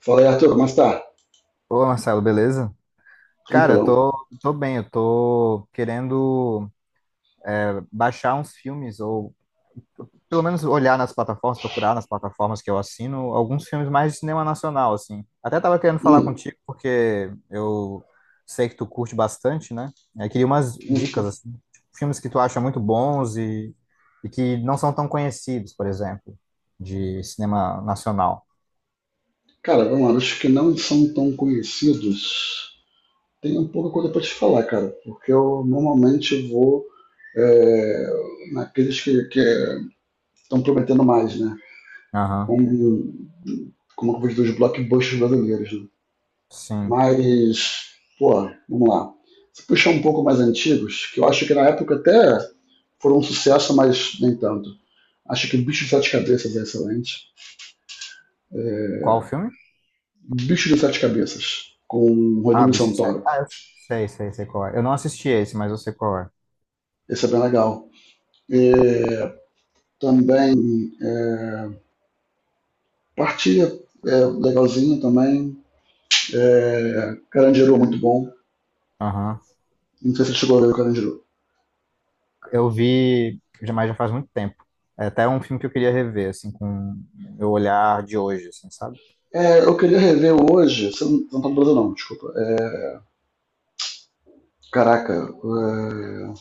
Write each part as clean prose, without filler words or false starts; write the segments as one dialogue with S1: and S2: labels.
S1: Fala aí, Arthur, como é que tá?
S2: Ô, Marcelo, beleza? Cara, eu
S1: Tranquilão.
S2: tô, tô bem, eu tô querendo baixar uns filmes, ou pelo menos olhar nas plataformas, procurar nas plataformas que eu assino, alguns filmes mais de cinema nacional, assim. Até tava querendo falar
S1: Hum,
S2: contigo, porque eu sei que tu curte bastante, né? Eu queria umas
S1: hum.
S2: dicas, assim, de filmes que tu acha muito bons e que não são tão conhecidos, por exemplo, de cinema nacional.
S1: Cara, vamos lá, os que não são tão conhecidos, tem um pouco coisa pra te falar, cara, porque eu normalmente vou é, naqueles que estão prometendo mais, né?
S2: Aham,
S1: Como, como eu vejo dos blockbusters brasileiros, né?
S2: sim.
S1: Mas, pô, vamos lá. Se puxar um pouco mais antigos, que eu acho que na época até foram um sucesso, mas nem tanto. Acho que Bicho de Sete Cabeças é excelente. É,
S2: Qual o filme?
S1: Bicho de Sete Cabeças, com
S2: Ah,
S1: Rodrigo
S2: Bicho de Sete.
S1: Santoro.
S2: Ah, eu sei qual é. Eu não assisti esse, mas eu sei qual é.
S1: Esse é bem legal. É, também é, Partilha é legalzinho também. É, Carandiru é muito bom.
S2: Aham.
S1: Não sei se você chegou a ver o Carandiru.
S2: Eu vi, já mas já faz muito tempo. É até um filme que eu queria rever, assim, com meu olhar de hoje, assim, sabe?
S1: É, eu queria rever hoje. Você não tá no Brasil, não, desculpa. Caraca, é,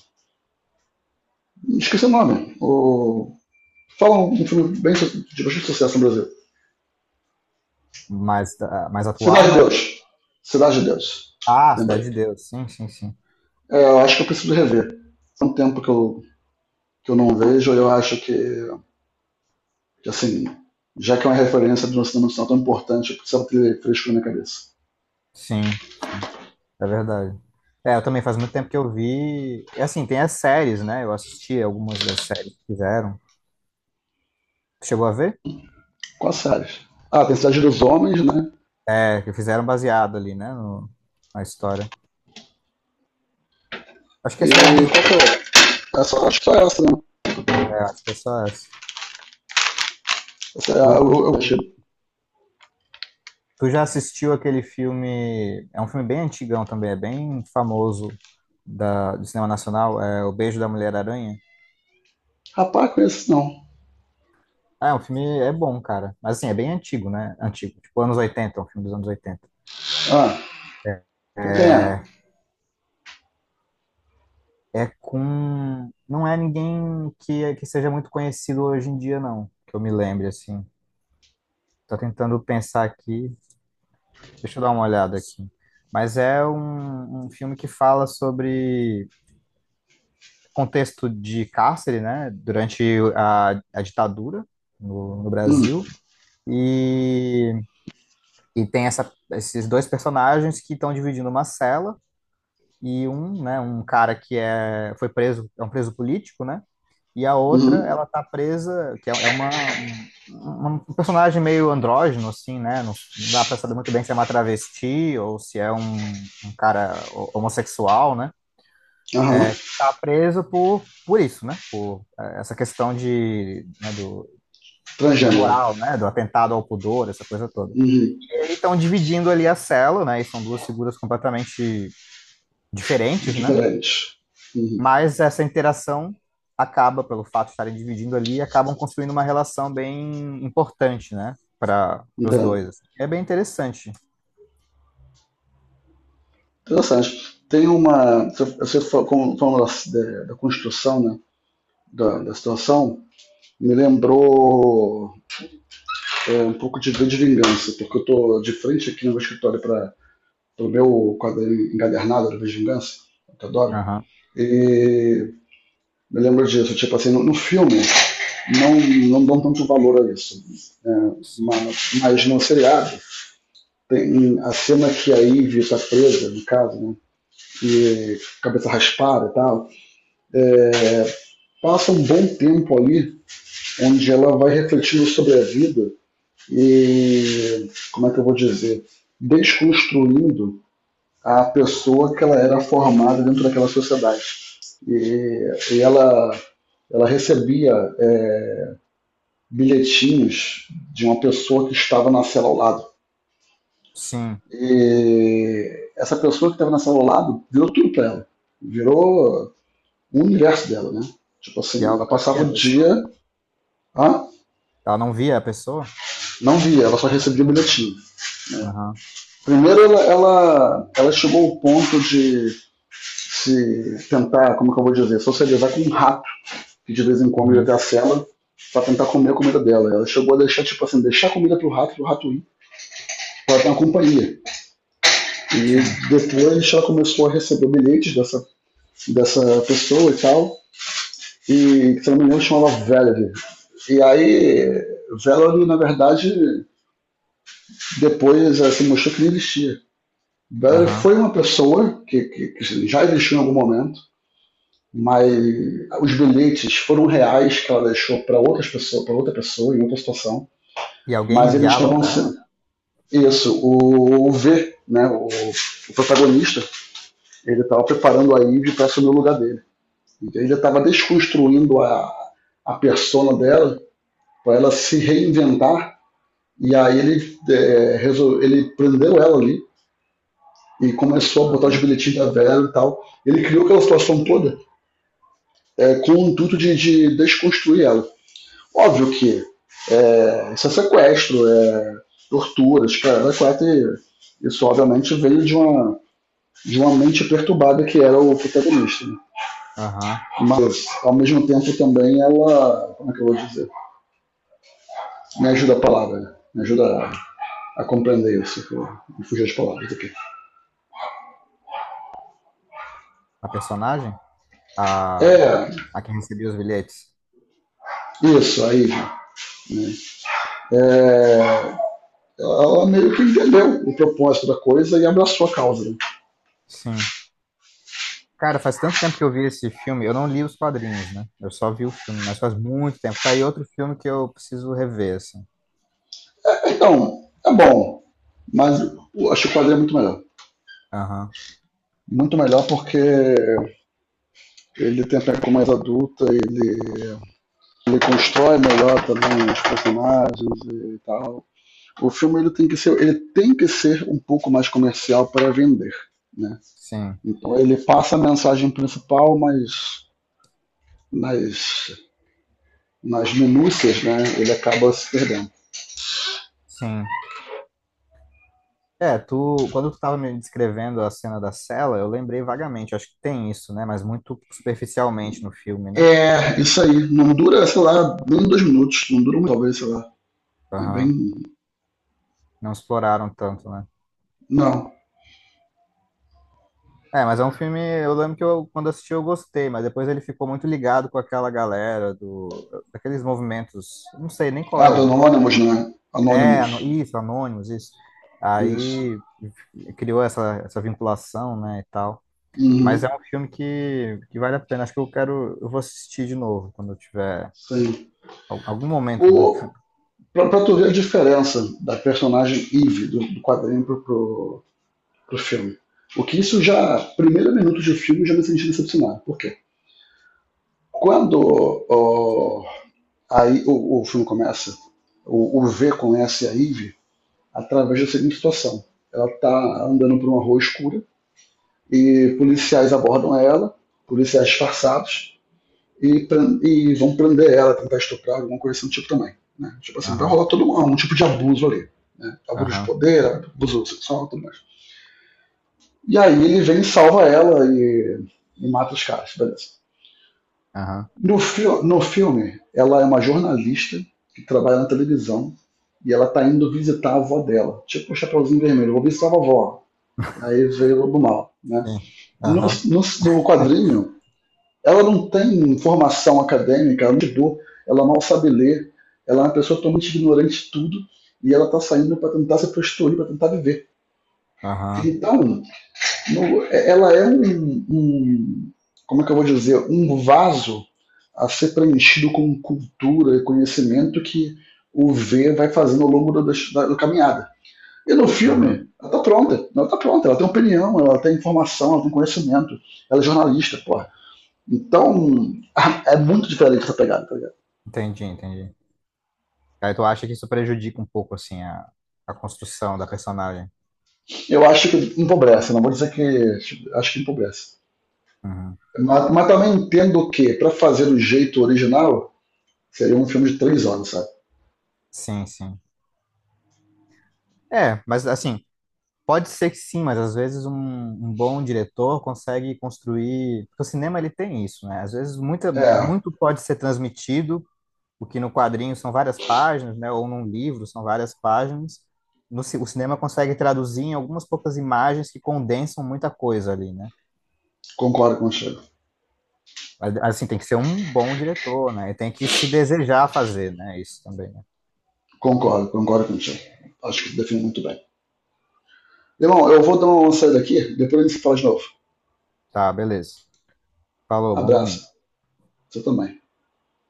S1: esqueci o nome. O, fala um filme bem, de bastante sucesso no Brasil:
S2: Mais, ah, mais atual,
S1: Cidade de
S2: mas.
S1: Deus. Cidade de Deus.
S2: Ah, Cidade
S1: Lembrei.
S2: de Deus. Sim, sim, sim.
S1: É, eu acho que eu preciso rever. Há um tempo que eu não vejo. Eu acho que assim, já que é uma referência de um cinema nacional tão importante, eu precisava ter fresco na minha cabeça.
S2: Sim, sim. É verdade. É, eu também faz muito tempo que eu vi. E, assim, tem as séries, né? Eu assisti algumas das séries que fizeram. Chegou a ver?
S1: Quais séries? Ah, tem Cidade dos Homens, né?
S2: É, que fizeram baseado ali, né? Na história. Acho que é a
S1: E
S2: Cidade
S1: qual
S2: dos Homens.
S1: que é? Essa, acho que só essa, né?
S2: É, acho que é só essa.
S1: Essa, eu achei.
S2: Tu, tu já assistiu aquele filme? É um filme bem antigão também, é bem famoso do cinema nacional, é O Beijo da Mulher-Aranha.
S1: Rapaz, conheço não.
S2: Ah, é um filme, é bom, cara. Mas assim, é bem antigo, né? Antigo, tipo anos oitenta, é um filme dos anos oitenta.
S1: Ah,
S2: É,
S1: com quem é?
S2: é, É com. Não é ninguém que seja muito conhecido hoje em dia, não, que eu me lembre, assim. Tô tentando pensar aqui, deixa eu dar uma olhada aqui. Mas é um filme que fala sobre contexto de cárcere, né, durante a ditadura no
S1: Hum,
S2: Brasil. E, e tem essa, esses dois personagens que estão dividindo uma cela e um, né, um cara que é, foi preso, é um preso político, né? E a outra,
S1: uhum,
S2: ela tá presa, que é um um personagem meio andrógeno, assim, né? Não dá pra saber muito bem se é uma travesti ou se é um cara homossexual, né?
S1: aham.
S2: Tá preso por isso, né? Por essa questão de, né, do, da
S1: Transgênero.
S2: moral, né? Do atentado ao pudor, essa coisa toda.
S1: Uhum,
S2: E aí estão dividindo ali a cela, né? E são duas figuras completamente diferentes, né?
S1: diferente. Uhum.
S2: Mas essa interação acaba, pelo fato de estarem dividindo ali, acabam construindo uma relação bem importante, né? Para os
S1: Então,
S2: dois, assim. É bem interessante.
S1: interessante. Tem uma. Você falou da construção, né? Da situação, me lembrou um pouco de vingança, porque eu tô de frente aqui no meu escritório para o meu quadrinho encadernado de vingança, que eu adoro.
S2: Aham.
S1: E me lembro disso, tipo assim, no filme não dão tanto valor a isso, né?
S2: Sim.
S1: Mas no seriado tem a cena que a Ivy está presa, no caso, né? E cabeça raspada e tal, é, passa um bom tempo ali onde ela vai refletindo sobre a vida e como é que eu vou dizer, desconstruindo a pessoa que ela era formada dentro daquela sociedade. E ela recebia é, bilhetinhos de uma pessoa que estava na cela ao lado.
S2: Sim.
S1: E essa pessoa que estava na cela ao lado virou tudo para ela. Virou o universo dela, né? Tipo
S2: E
S1: assim,
S2: ela
S1: ela
S2: nunca
S1: passava
S2: via a
S1: o
S2: pessoa?
S1: dia, ah,
S2: Ela não via a pessoa?
S1: não via, ela só recebia bilhetinho.
S2: Aham.
S1: Primeiro, ela chegou ao ponto de se tentar, como é que eu vou dizer, socializar com um rato que de vez em quando ia
S2: Uhum.
S1: até a cela para tentar comer a comida dela. Ela chegou a deixar, tipo assim, deixar a comida pro rato ir, pra ter uma companhia. E
S2: Sim.
S1: depois ela começou a receber bilhetes dessa pessoa e tal, e se não me engano chamava Valerie. E aí, Valerie, na verdade, depois ela se assim, mostrou que não existia. Valerie
S2: Aham.
S1: foi uma pessoa que já existiu em algum momento, mas os bilhetes foram reais que ela deixou para outras pessoas, para outra pessoa em outra situação,
S2: E alguém
S1: mas eles
S2: enviava
S1: estavam
S2: pra
S1: sendo
S2: ela?
S1: isso, o V, né, o protagonista, ele estava preparando a Ivy para assumir o lugar dele. Então ele estava desconstruindo a persona dela para ela se reinventar e aí ele resolve, ele prendeu ela ali e começou a botar os
S2: Aham.
S1: bilhetinhos da Vera e tal. Ele criou aquela situação toda com o intuito de desconstruir ela. Óbvio que isso é sequestro, é tortura, escrava 4 e isso obviamente veio de uma mente perturbada que era o protagonista. Né?
S2: Aham.
S1: Mas ao mesmo tempo também ela, como é que eu vou dizer? Me ajuda a palavra, né? Me ajuda a compreender isso, que eu fugi as palavras aqui.
S2: A personagem? A...
S1: É,
S2: a que recebia os bilhetes?
S1: isso, aí, né? É, ela meio que entendeu o propósito da coisa e abraçou a causa. Né?
S2: Sim. Cara, faz tanto tempo que eu vi esse filme. Eu não li os quadrinhos, né? Eu só vi o filme, mas faz muito tempo. Tá aí outro filme que eu preciso rever, assim.
S1: Então, é bom, mas acho que o quadro é muito melhor.
S2: Aham.
S1: Muito melhor porque ele tem a pegada mais adulta, ele constrói melhor também os personagens e tal. O filme ele tem que ser, ele tem que ser um pouco mais comercial para vender, né?
S2: Sim.
S1: Então ele passa a mensagem principal, mas nas nas minúcias, né? Ele acaba se perdendo.
S2: Sim. É, tu, quando tu tava me descrevendo a cena da cela, eu lembrei vagamente, acho que tem isso, né? Mas muito superficialmente no filme, né?
S1: É, isso aí. Não dura, sei lá, nem 2 minutos. Não dura muito, talvez, sei lá. É bem.
S2: Aham. Não exploraram tanto, né?
S1: Não.
S2: É, mas é um filme. Eu lembro que eu, quando assisti eu gostei, mas depois ele ficou muito ligado com aquela galera daqueles movimentos. Não sei nem qual
S1: Ah,
S2: é
S1: do
S2: o.
S1: Anonymous, né?
S2: É,
S1: Anonymous.
S2: isso, Anônimos, isso.
S1: Isso.
S2: Aí criou essa, essa vinculação, né, e tal. Mas
S1: Uhum.
S2: é um filme que vale a pena. Acho que eu quero. Eu vou assistir de novo quando eu tiver
S1: Sim.
S2: algum momento, né?
S1: O, pra tu ver a diferença da personagem Eve do quadrinho pro filme. O que isso já. Primeiro minuto de filme já me senti decepcionado. Por quê? Quando ó, aí, o filme começa, o V conhece a Eve através da seguinte situação. Ela tá andando por uma rua escura e policiais abordam ela, policiais disfarçados, e, e vão prender ela, tentar estuprar, alguma coisa assim do tipo também. Né? Tipo assim, vai
S2: Aham,
S1: rolar todo um tipo de abuso ali. Né? Abuso de
S2: aham,
S1: poder, abuso sexual, tudo mais. E aí ele vem e salva ela e mata os caras, beleza.
S2: aham.
S1: No filme, ela é uma jornalista que trabalha na televisão e ela tá indo visitar a avó dela. Tipo o Chapeuzinho Vermelho, vou visitar a avó. Aí veio o Lobo Mal. Né?
S2: Sim. Aham,
S1: No quadrinho, ela não tem formação acadêmica, ela não estudou, ela mal sabe ler, ela é uma pessoa totalmente ignorante de tudo e ela está saindo para tentar se prostituir, para tentar viver.
S2: aham,
S1: Então, no, é, ela é um, como é que eu vou dizer, um vaso a ser preenchido com cultura e conhecimento que o V vai fazendo ao longo da caminhada. E no
S2: aham.
S1: filme, ela tá pronta, ela tá pronta, ela tem opinião, ela tem informação, ela tem conhecimento, ela é jornalista, pô, então, é muito diferente essa pegada, tá ligado?
S2: Entendi, entendi. Aí tu acha que isso prejudica um pouco, assim, a construção da personagem?
S1: Eu acho que empobrece, não vou dizer que. Acho que empobrece.
S2: Uhum.
S1: Mas também entendo que, para fazer do jeito original, seria um filme de 3 horas, sabe?
S2: Sim, sim. É, mas assim, pode ser que sim, mas às vezes um bom diretor consegue construir. Porque o cinema ele tem isso, né? Às vezes
S1: É,
S2: muito pode ser transmitido, o que no quadrinho são várias páginas, né? Ou num livro são várias páginas. No, ci- O cinema consegue traduzir em algumas poucas imagens que condensam muita coisa ali, né?
S1: concordo contigo.
S2: Mas, assim, tem que ser um bom diretor, né? E tem que se desejar fazer, né? Isso também, né?
S1: Concordo contigo. Acho que define muito bem. Irmão, eu vou dar uma saída aqui, depois a gente se fala de novo.
S2: Tá, beleza. Falou, bom
S1: Abraço.
S2: domingo.
S1: Você também.